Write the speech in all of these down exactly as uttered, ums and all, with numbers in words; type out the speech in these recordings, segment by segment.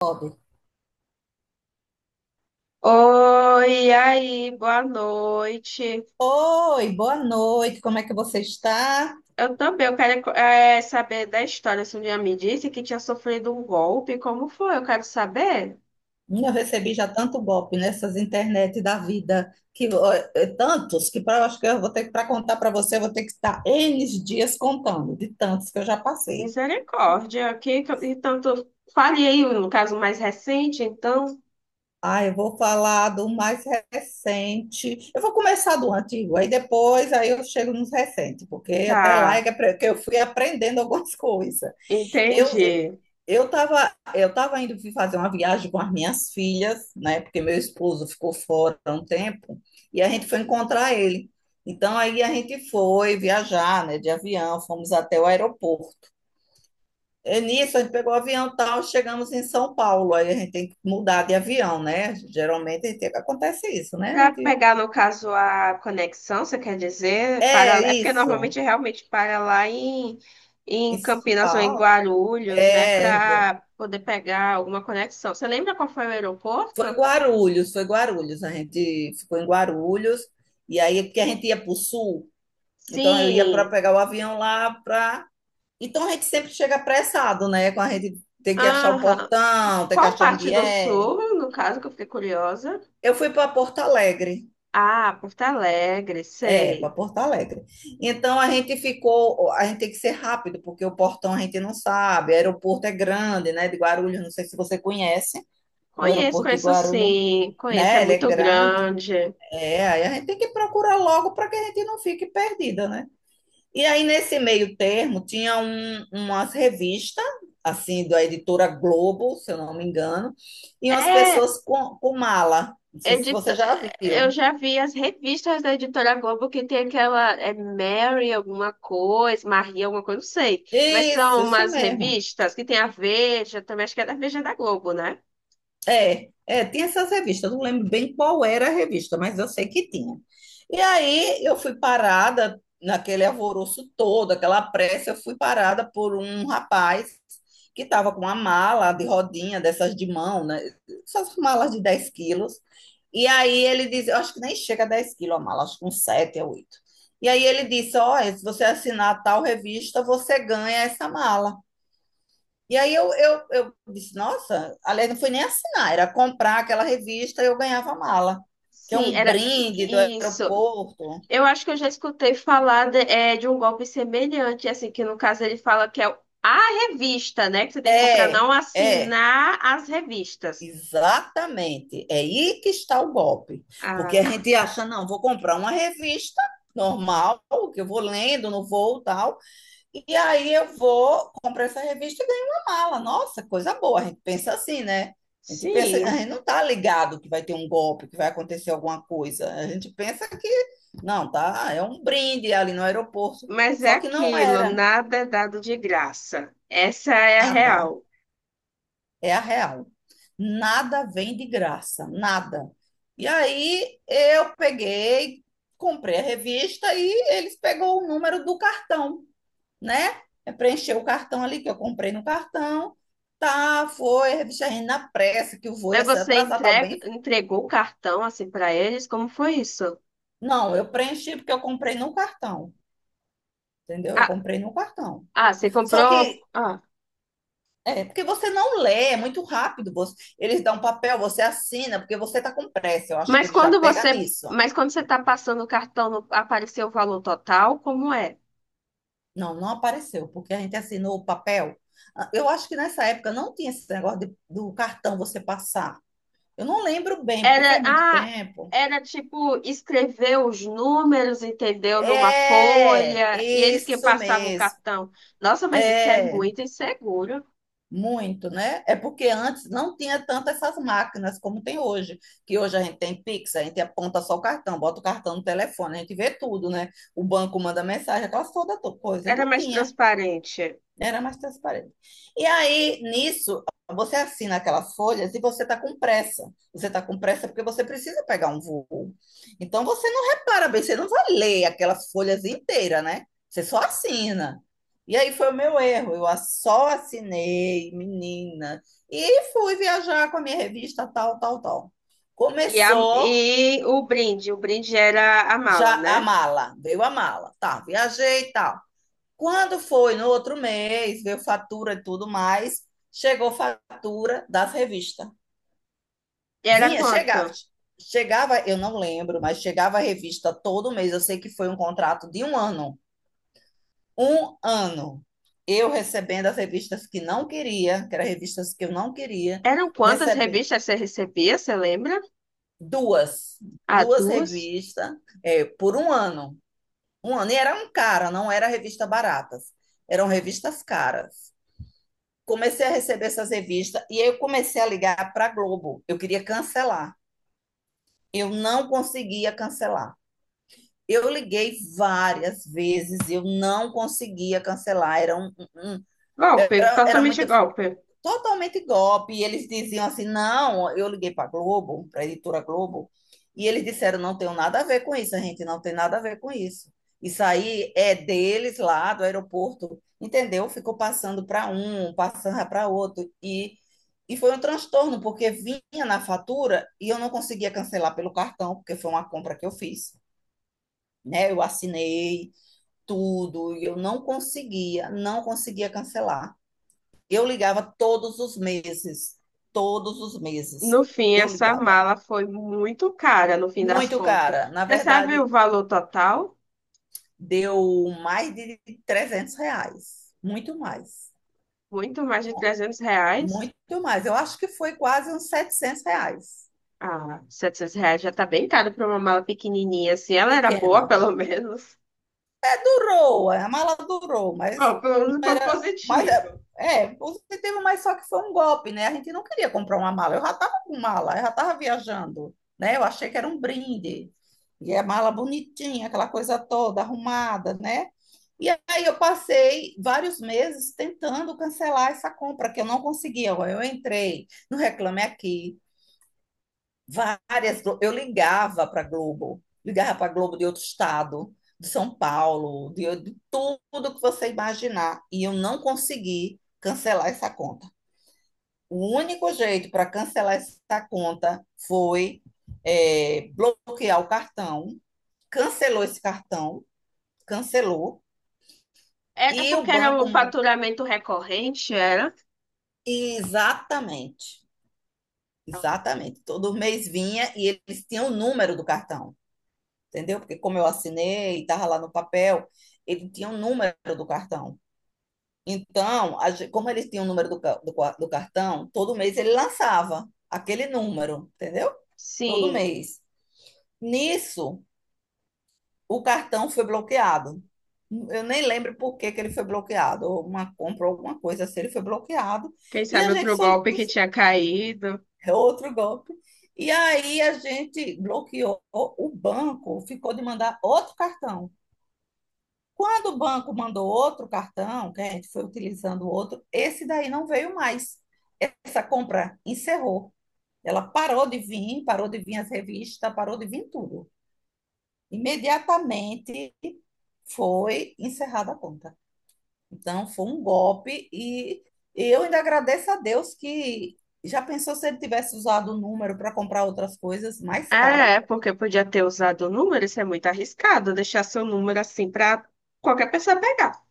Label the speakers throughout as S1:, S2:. S1: Bob.
S2: Oi, e aí, boa noite.
S1: Oi, boa noite, como é que você está?
S2: Eu também, eu quero eh, saber da história. Se um dia me disse que tinha sofrido um golpe, como foi? Eu quero saber.
S1: Hum, Eu recebi já tanto golpe nessas internet da vida, que ó, é é tantos que pra, eu acho que eu vou ter que para contar para você, eu vou ter que estar N dias contando, de tantos que eu já passei.
S2: Misericórdia, que, que- então tu fale aí no caso mais recente, então.
S1: Ah, eu vou falar do mais recente. Eu vou começar do antigo, aí depois aí eu chego nos recentes, porque até lá é
S2: Tá,
S1: que apre- que eu fui aprendendo algumas coisas. Eu,
S2: entendi.
S1: Eu estava eu tava indo fazer uma viagem com as minhas filhas, né? Porque meu esposo ficou fora há um tempo e a gente foi encontrar ele. Então aí a gente foi viajar, né? De avião, fomos até o aeroporto. E nisso a gente pegou o avião e tal, chegamos em São Paulo. Aí a gente tem que mudar de avião, né? Geralmente a gente, acontece isso, né? A
S2: Para
S1: gente,
S2: pegar, no caso, a conexão, você quer dizer? Para...
S1: é
S2: É porque normalmente
S1: isso.
S2: realmente para lá em, em
S1: Em São
S2: Campinas ou em
S1: Paulo,
S2: Guarulhos, né?
S1: é,
S2: Para poder pegar alguma conexão. Você lembra qual foi o
S1: foi
S2: aeroporto?
S1: Guarulhos, foi Guarulhos. A gente ficou em Guarulhos e aí porque a gente ia para o sul. Então eu ia para
S2: Sim.
S1: pegar o avião lá para. Então a gente sempre chega apressado, né? Com a gente tem que achar o
S2: Aham.
S1: portão, tem que
S2: Qual
S1: achar
S2: parte
S1: onde
S2: do
S1: é.
S2: sul, no caso, que eu fiquei curiosa?
S1: Eu fui para Porto Alegre.
S2: Ah, Porto Alegre,
S1: É, para
S2: sei.
S1: Porto Alegre. Então a gente ficou, a gente tem que ser rápido, porque o portão a gente não sabe. O aeroporto é grande, né? De Guarulhos, não sei se você conhece o
S2: Conheço,
S1: aeroporto de
S2: conheço
S1: Guarulhos,
S2: sim. Conheço, é
S1: né? Ele é
S2: muito
S1: grande.
S2: grande.
S1: É, aí a gente tem que procurar logo para que a gente não fique perdida, né? E aí, nesse meio termo, tinha um, umas revistas, assim, da editora Globo, se eu não me engano, e umas
S2: É,
S1: pessoas com, com mala. Não sei se
S2: Edito...
S1: você já
S2: Eu
S1: viu.
S2: já vi as revistas da Editora Globo que tem aquela é Mary alguma coisa, Maria alguma coisa, não sei. Mas
S1: Isso,
S2: são
S1: isso
S2: umas
S1: mesmo.
S2: revistas que tem a Veja, também acho que é da Veja da Globo, né?
S1: É, é, tinha essas revistas, eu não lembro bem qual era a revista, mas eu sei que tinha. E aí eu fui parada naquele alvoroço todo, aquela pressa, eu fui parada por um rapaz que estava com uma mala de rodinha, dessas de mão, né? Essas malas de dez quilos. E aí ele disse, eu acho que nem chega a 10 quilos a mala, acho que uns sete a oito. E aí ele disse, olha, se você assinar tal revista, você ganha essa mala. E aí eu, eu, eu disse, nossa, aliás, não foi nem assinar, era comprar aquela revista e eu ganhava a mala, que é
S2: Sim,
S1: um
S2: era
S1: brinde do
S2: isso.
S1: aeroporto.
S2: Eu acho que eu já escutei falar de, é, de um golpe semelhante, assim, que no caso ele fala que é o- a revista, né? Que você tem que comprar,
S1: É,
S2: não
S1: é,
S2: assinar as revistas.
S1: exatamente. É aí que está o golpe. Porque
S2: Ah,
S1: a gente acha, não, vou comprar uma revista normal, que eu vou lendo no voo e tal. E aí eu vou, compro essa revista e ganho uma mala. Nossa, coisa boa. A gente pensa assim, né? A gente pensa, a
S2: sim.
S1: gente não tá ligado que vai ter um golpe, que vai acontecer alguma coisa. A gente pensa que não, tá? É um brinde ali no aeroporto.
S2: Mas é
S1: Só que não
S2: aquilo,
S1: era
S2: nada é dado de graça. Essa é a
S1: nada.
S2: real.
S1: É a real. Nada vem de graça, nada. E aí eu peguei, comprei a revista e eles pegou o número do cartão, né? É preencher o cartão ali que eu comprei no cartão. Tá, foi, revista Renda na pressa, que o voo
S2: Mas
S1: ia ser
S2: você
S1: atrasar tal
S2: entrega,
S1: bem.
S2: entregou o cartão assim para eles? Como foi isso?
S1: Não, eu preenchi porque eu comprei no cartão, entendeu? Eu
S2: Ah,
S1: comprei no cartão.
S2: ah, você
S1: Só
S2: comprou.
S1: que
S2: Ah.
S1: é porque você não lê, é muito rápido. Você, eles dão um papel, você assina, porque você tá com pressa. Eu acho que
S2: Mas
S1: ele já
S2: quando
S1: pega
S2: você,
S1: nisso.
S2: mas quando você está passando o cartão, não apareceu o valor total? Como é?
S1: Não, não apareceu, porque a gente assinou o papel. Ah, eu acho que nessa época não tinha esse negócio de- do cartão você passar. Eu não lembro bem, porque
S2: Era,
S1: faz muito
S2: ah,
S1: tempo.
S2: era tipo escrever os números, entendeu? Numa
S1: É,
S2: folha e eles que
S1: isso
S2: passavam o
S1: mesmo.
S2: cartão. Nossa, mas isso é
S1: É,
S2: muito inseguro.
S1: muito, né? É porque antes não tinha tantas essas máquinas como tem hoje, que hoje a gente tem Pix, a gente aponta só o cartão, bota o cartão no telefone, a gente vê tudo, né? O banco manda mensagem, aquelas toda to- coisa, e
S2: Era
S1: não
S2: mais
S1: tinha.
S2: transparente.
S1: Era mais transparente. E aí, nisso, você assina aquelas folhas e você está com pressa. Você está com pressa porque você precisa pegar um voo. Então, você não repara bem, você não vai ler aquelas folhas inteiras, né? Você só assina. E aí foi o meu erro. Eu só assinei, menina. E fui viajar com a minha revista, tal, tal, tal.
S2: E, a,
S1: Começou
S2: e o brinde, o brinde era a mala,
S1: já a
S2: né?
S1: mala. Veio a mala. Tá, viajei e tal. Quando foi no outro mês, veio fatura e tudo mais, chegou fatura das revistas.
S2: Era
S1: Vinha, chegava.
S2: quanto?
S1: Chegava, eu não lembro, mas chegava a revista todo mês. Eu sei que foi um contrato de um ano. Um ano. Eu recebendo as revistas que não queria, que eram revistas que eu não queria,
S2: Eram quantas
S1: recebendo
S2: revistas você recebia, você lembra?
S1: duas,
S2: Ah,
S1: duas
S2: duas?
S1: revistas, é, por um ano. Um ano. E era um cara, não era revista baratas. Eram revistas caras. Comecei a receber essas revistas e eu comecei a ligar para a Globo. Eu queria cancelar. Eu não conseguia cancelar. Eu liguei várias vezes, eu não conseguia cancelar, era, um, um, um,
S2: Golpe,
S1: era, era
S2: totalmente
S1: muita
S2: golpe.
S1: totalmente golpe. E eles diziam assim: não, eu liguei para a Globo, para a editora Globo, e eles disseram: não tem nada a ver com isso, a gente não tem nada a ver com isso. Isso aí é deles lá do aeroporto, entendeu? Ficou passando para um, passando para outro. E, e foi um transtorno, porque vinha na fatura e eu não conseguia cancelar pelo cartão, porque foi uma compra que eu fiz. Né? Eu assinei tudo e eu não conseguia, não conseguia cancelar. Eu ligava todos os meses, todos os meses.
S2: No fim,
S1: Eu
S2: essa
S1: ligava.
S2: mala foi muito cara, no fim das
S1: Muito
S2: contas.
S1: cara. Na
S2: Você sabe o
S1: verdade,
S2: valor total?
S1: deu mais de trezentos reais. Muito mais.
S2: Muito mais de trezentos reais.
S1: Muito mais. Eu acho que foi quase uns setecentos reais.
S2: Ah, setecentos reais já tá bem caro para uma mala pequenininha, assim. Ela era
S1: Pequena.
S2: boa, pelo menos.
S1: Durou, a mala durou, mas
S2: Bom, pelo
S1: não
S2: menos foi
S1: era. Mas
S2: positivo.
S1: é, é positivo, mas só que foi um golpe, né? A gente não queria comprar uma mala. Eu já estava com mala, eu já estava viajando, né? Eu achei que era um brinde. E a mala bonitinha, aquela coisa toda arrumada, né? E aí eu passei vários meses tentando cancelar essa compra, que eu não conseguia. Eu entrei no Reclame Aqui. Várias. Eu ligava para Globo, ligava para Globo de outro estado, de São Paulo, de, de tudo que você imaginar. E eu não consegui cancelar essa conta. O único jeito para cancelar essa conta foi, é, bloquear o cartão. Cancelou esse cartão, cancelou.
S2: Era
S1: E o
S2: porque era
S1: banco.
S2: um faturamento recorrente, era?
S1: Exatamente, exatamente. Todo mês vinha e eles tinham o número do cartão. Entendeu? Porque como eu assinei, estava lá no papel, ele tinha um número do cartão. Então, a gen- como ele tinha o número do, ca- do ca- do cartão, todo mês ele lançava aquele número, entendeu? Todo
S2: Sim.
S1: mês. Nisso, o cartão foi bloqueado. Eu nem lembro por que que ele foi bloqueado, ou uma compra, ou alguma coisa assim, ele foi bloqueado.
S2: Quem
S1: E
S2: sabe
S1: a gente
S2: outro golpe
S1: solicitou
S2: que tinha caído.
S1: outro golpe. E aí a gente bloqueou o banco, ficou de mandar outro cartão. Quando o banco mandou outro cartão, né, que a gente foi utilizando outro, esse daí não veio mais. Essa compra encerrou. Ela parou de vir, parou de vir as revistas, parou de vir tudo. Imediatamente foi encerrada a conta. Então foi um golpe e eu ainda agradeço a Deus que já pensou se ele tivesse usado o número para comprar outras coisas mais caras?
S2: É, porque podia ter usado o número, isso é muito arriscado, deixar seu número assim para qualquer pessoa pegar.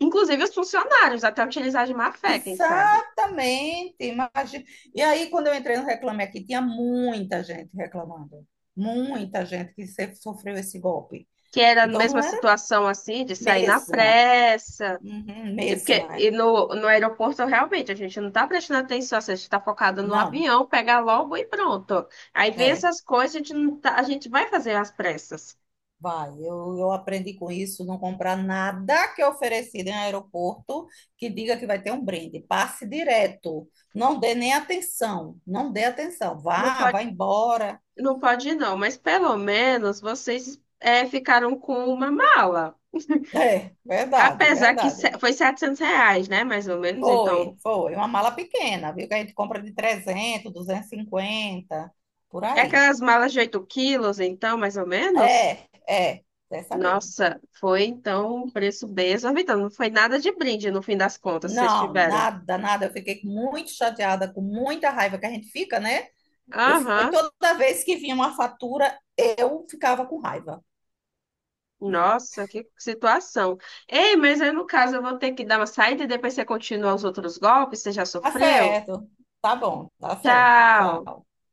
S2: Inclusive os funcionários, até utilizar de má fé, quem sabe.
S1: Exatamente, imagina. E aí, quando eu entrei no Reclame Aqui, tinha muita gente reclamando, muita gente que se- sofreu esse golpe.
S2: Que era a
S1: Então,
S2: mesma
S1: não era
S2: situação assim, de sair na
S1: mesma,
S2: pressa.
S1: uhum,
S2: E, porque,
S1: mesma, é.
S2: e no, no aeroporto, realmente, a gente não tá prestando atenção, assim, a gente tá focado no
S1: Não,
S2: avião, pega logo e pronto. Aí vem
S1: é,
S2: essas coisas, a gente, não tá- a gente vai fazer as pressas.
S1: vai, eu, eu aprendi com isso, não comprar nada que é oferecido em aeroporto que diga que vai ter um brinde, passe direto, não dê nem atenção, não dê atenção,
S2: Não
S1: vá,
S2: pode.
S1: vá embora.
S2: Não pode não, mas pelo menos vocês é, ficaram com uma mala.
S1: É, verdade,
S2: Apesar que
S1: verdade.
S2: se- foi setecentos reais, né? Mais ou menos.
S1: Foi,
S2: Então,
S1: foi. Uma mala pequena, viu? Que a gente compra de trezentos, duzentos e cinquenta por
S2: é
S1: aí.
S2: aquelas malas de oito quilos, então, mais ou menos.
S1: É, é, dessa mesmo.
S2: Nossa, foi então um preço bem exorbitante. Não foi nada de brinde no fim das contas, vocês
S1: Não,
S2: tiveram.
S1: nada, nada. Eu fiquei muito chateada, com muita raiva que a gente fica, né? Eu, fi-
S2: Aham.
S1: toda vez que vinha uma fatura, eu ficava com raiva.
S2: Nossa, que situação. Ei, mas aí no caso eu vou ter que dar uma saída e depois você continua os outros golpes, você já
S1: Tá
S2: sofreu?
S1: certo, tá bom, tá certo.
S2: Tchau.
S1: Tchau.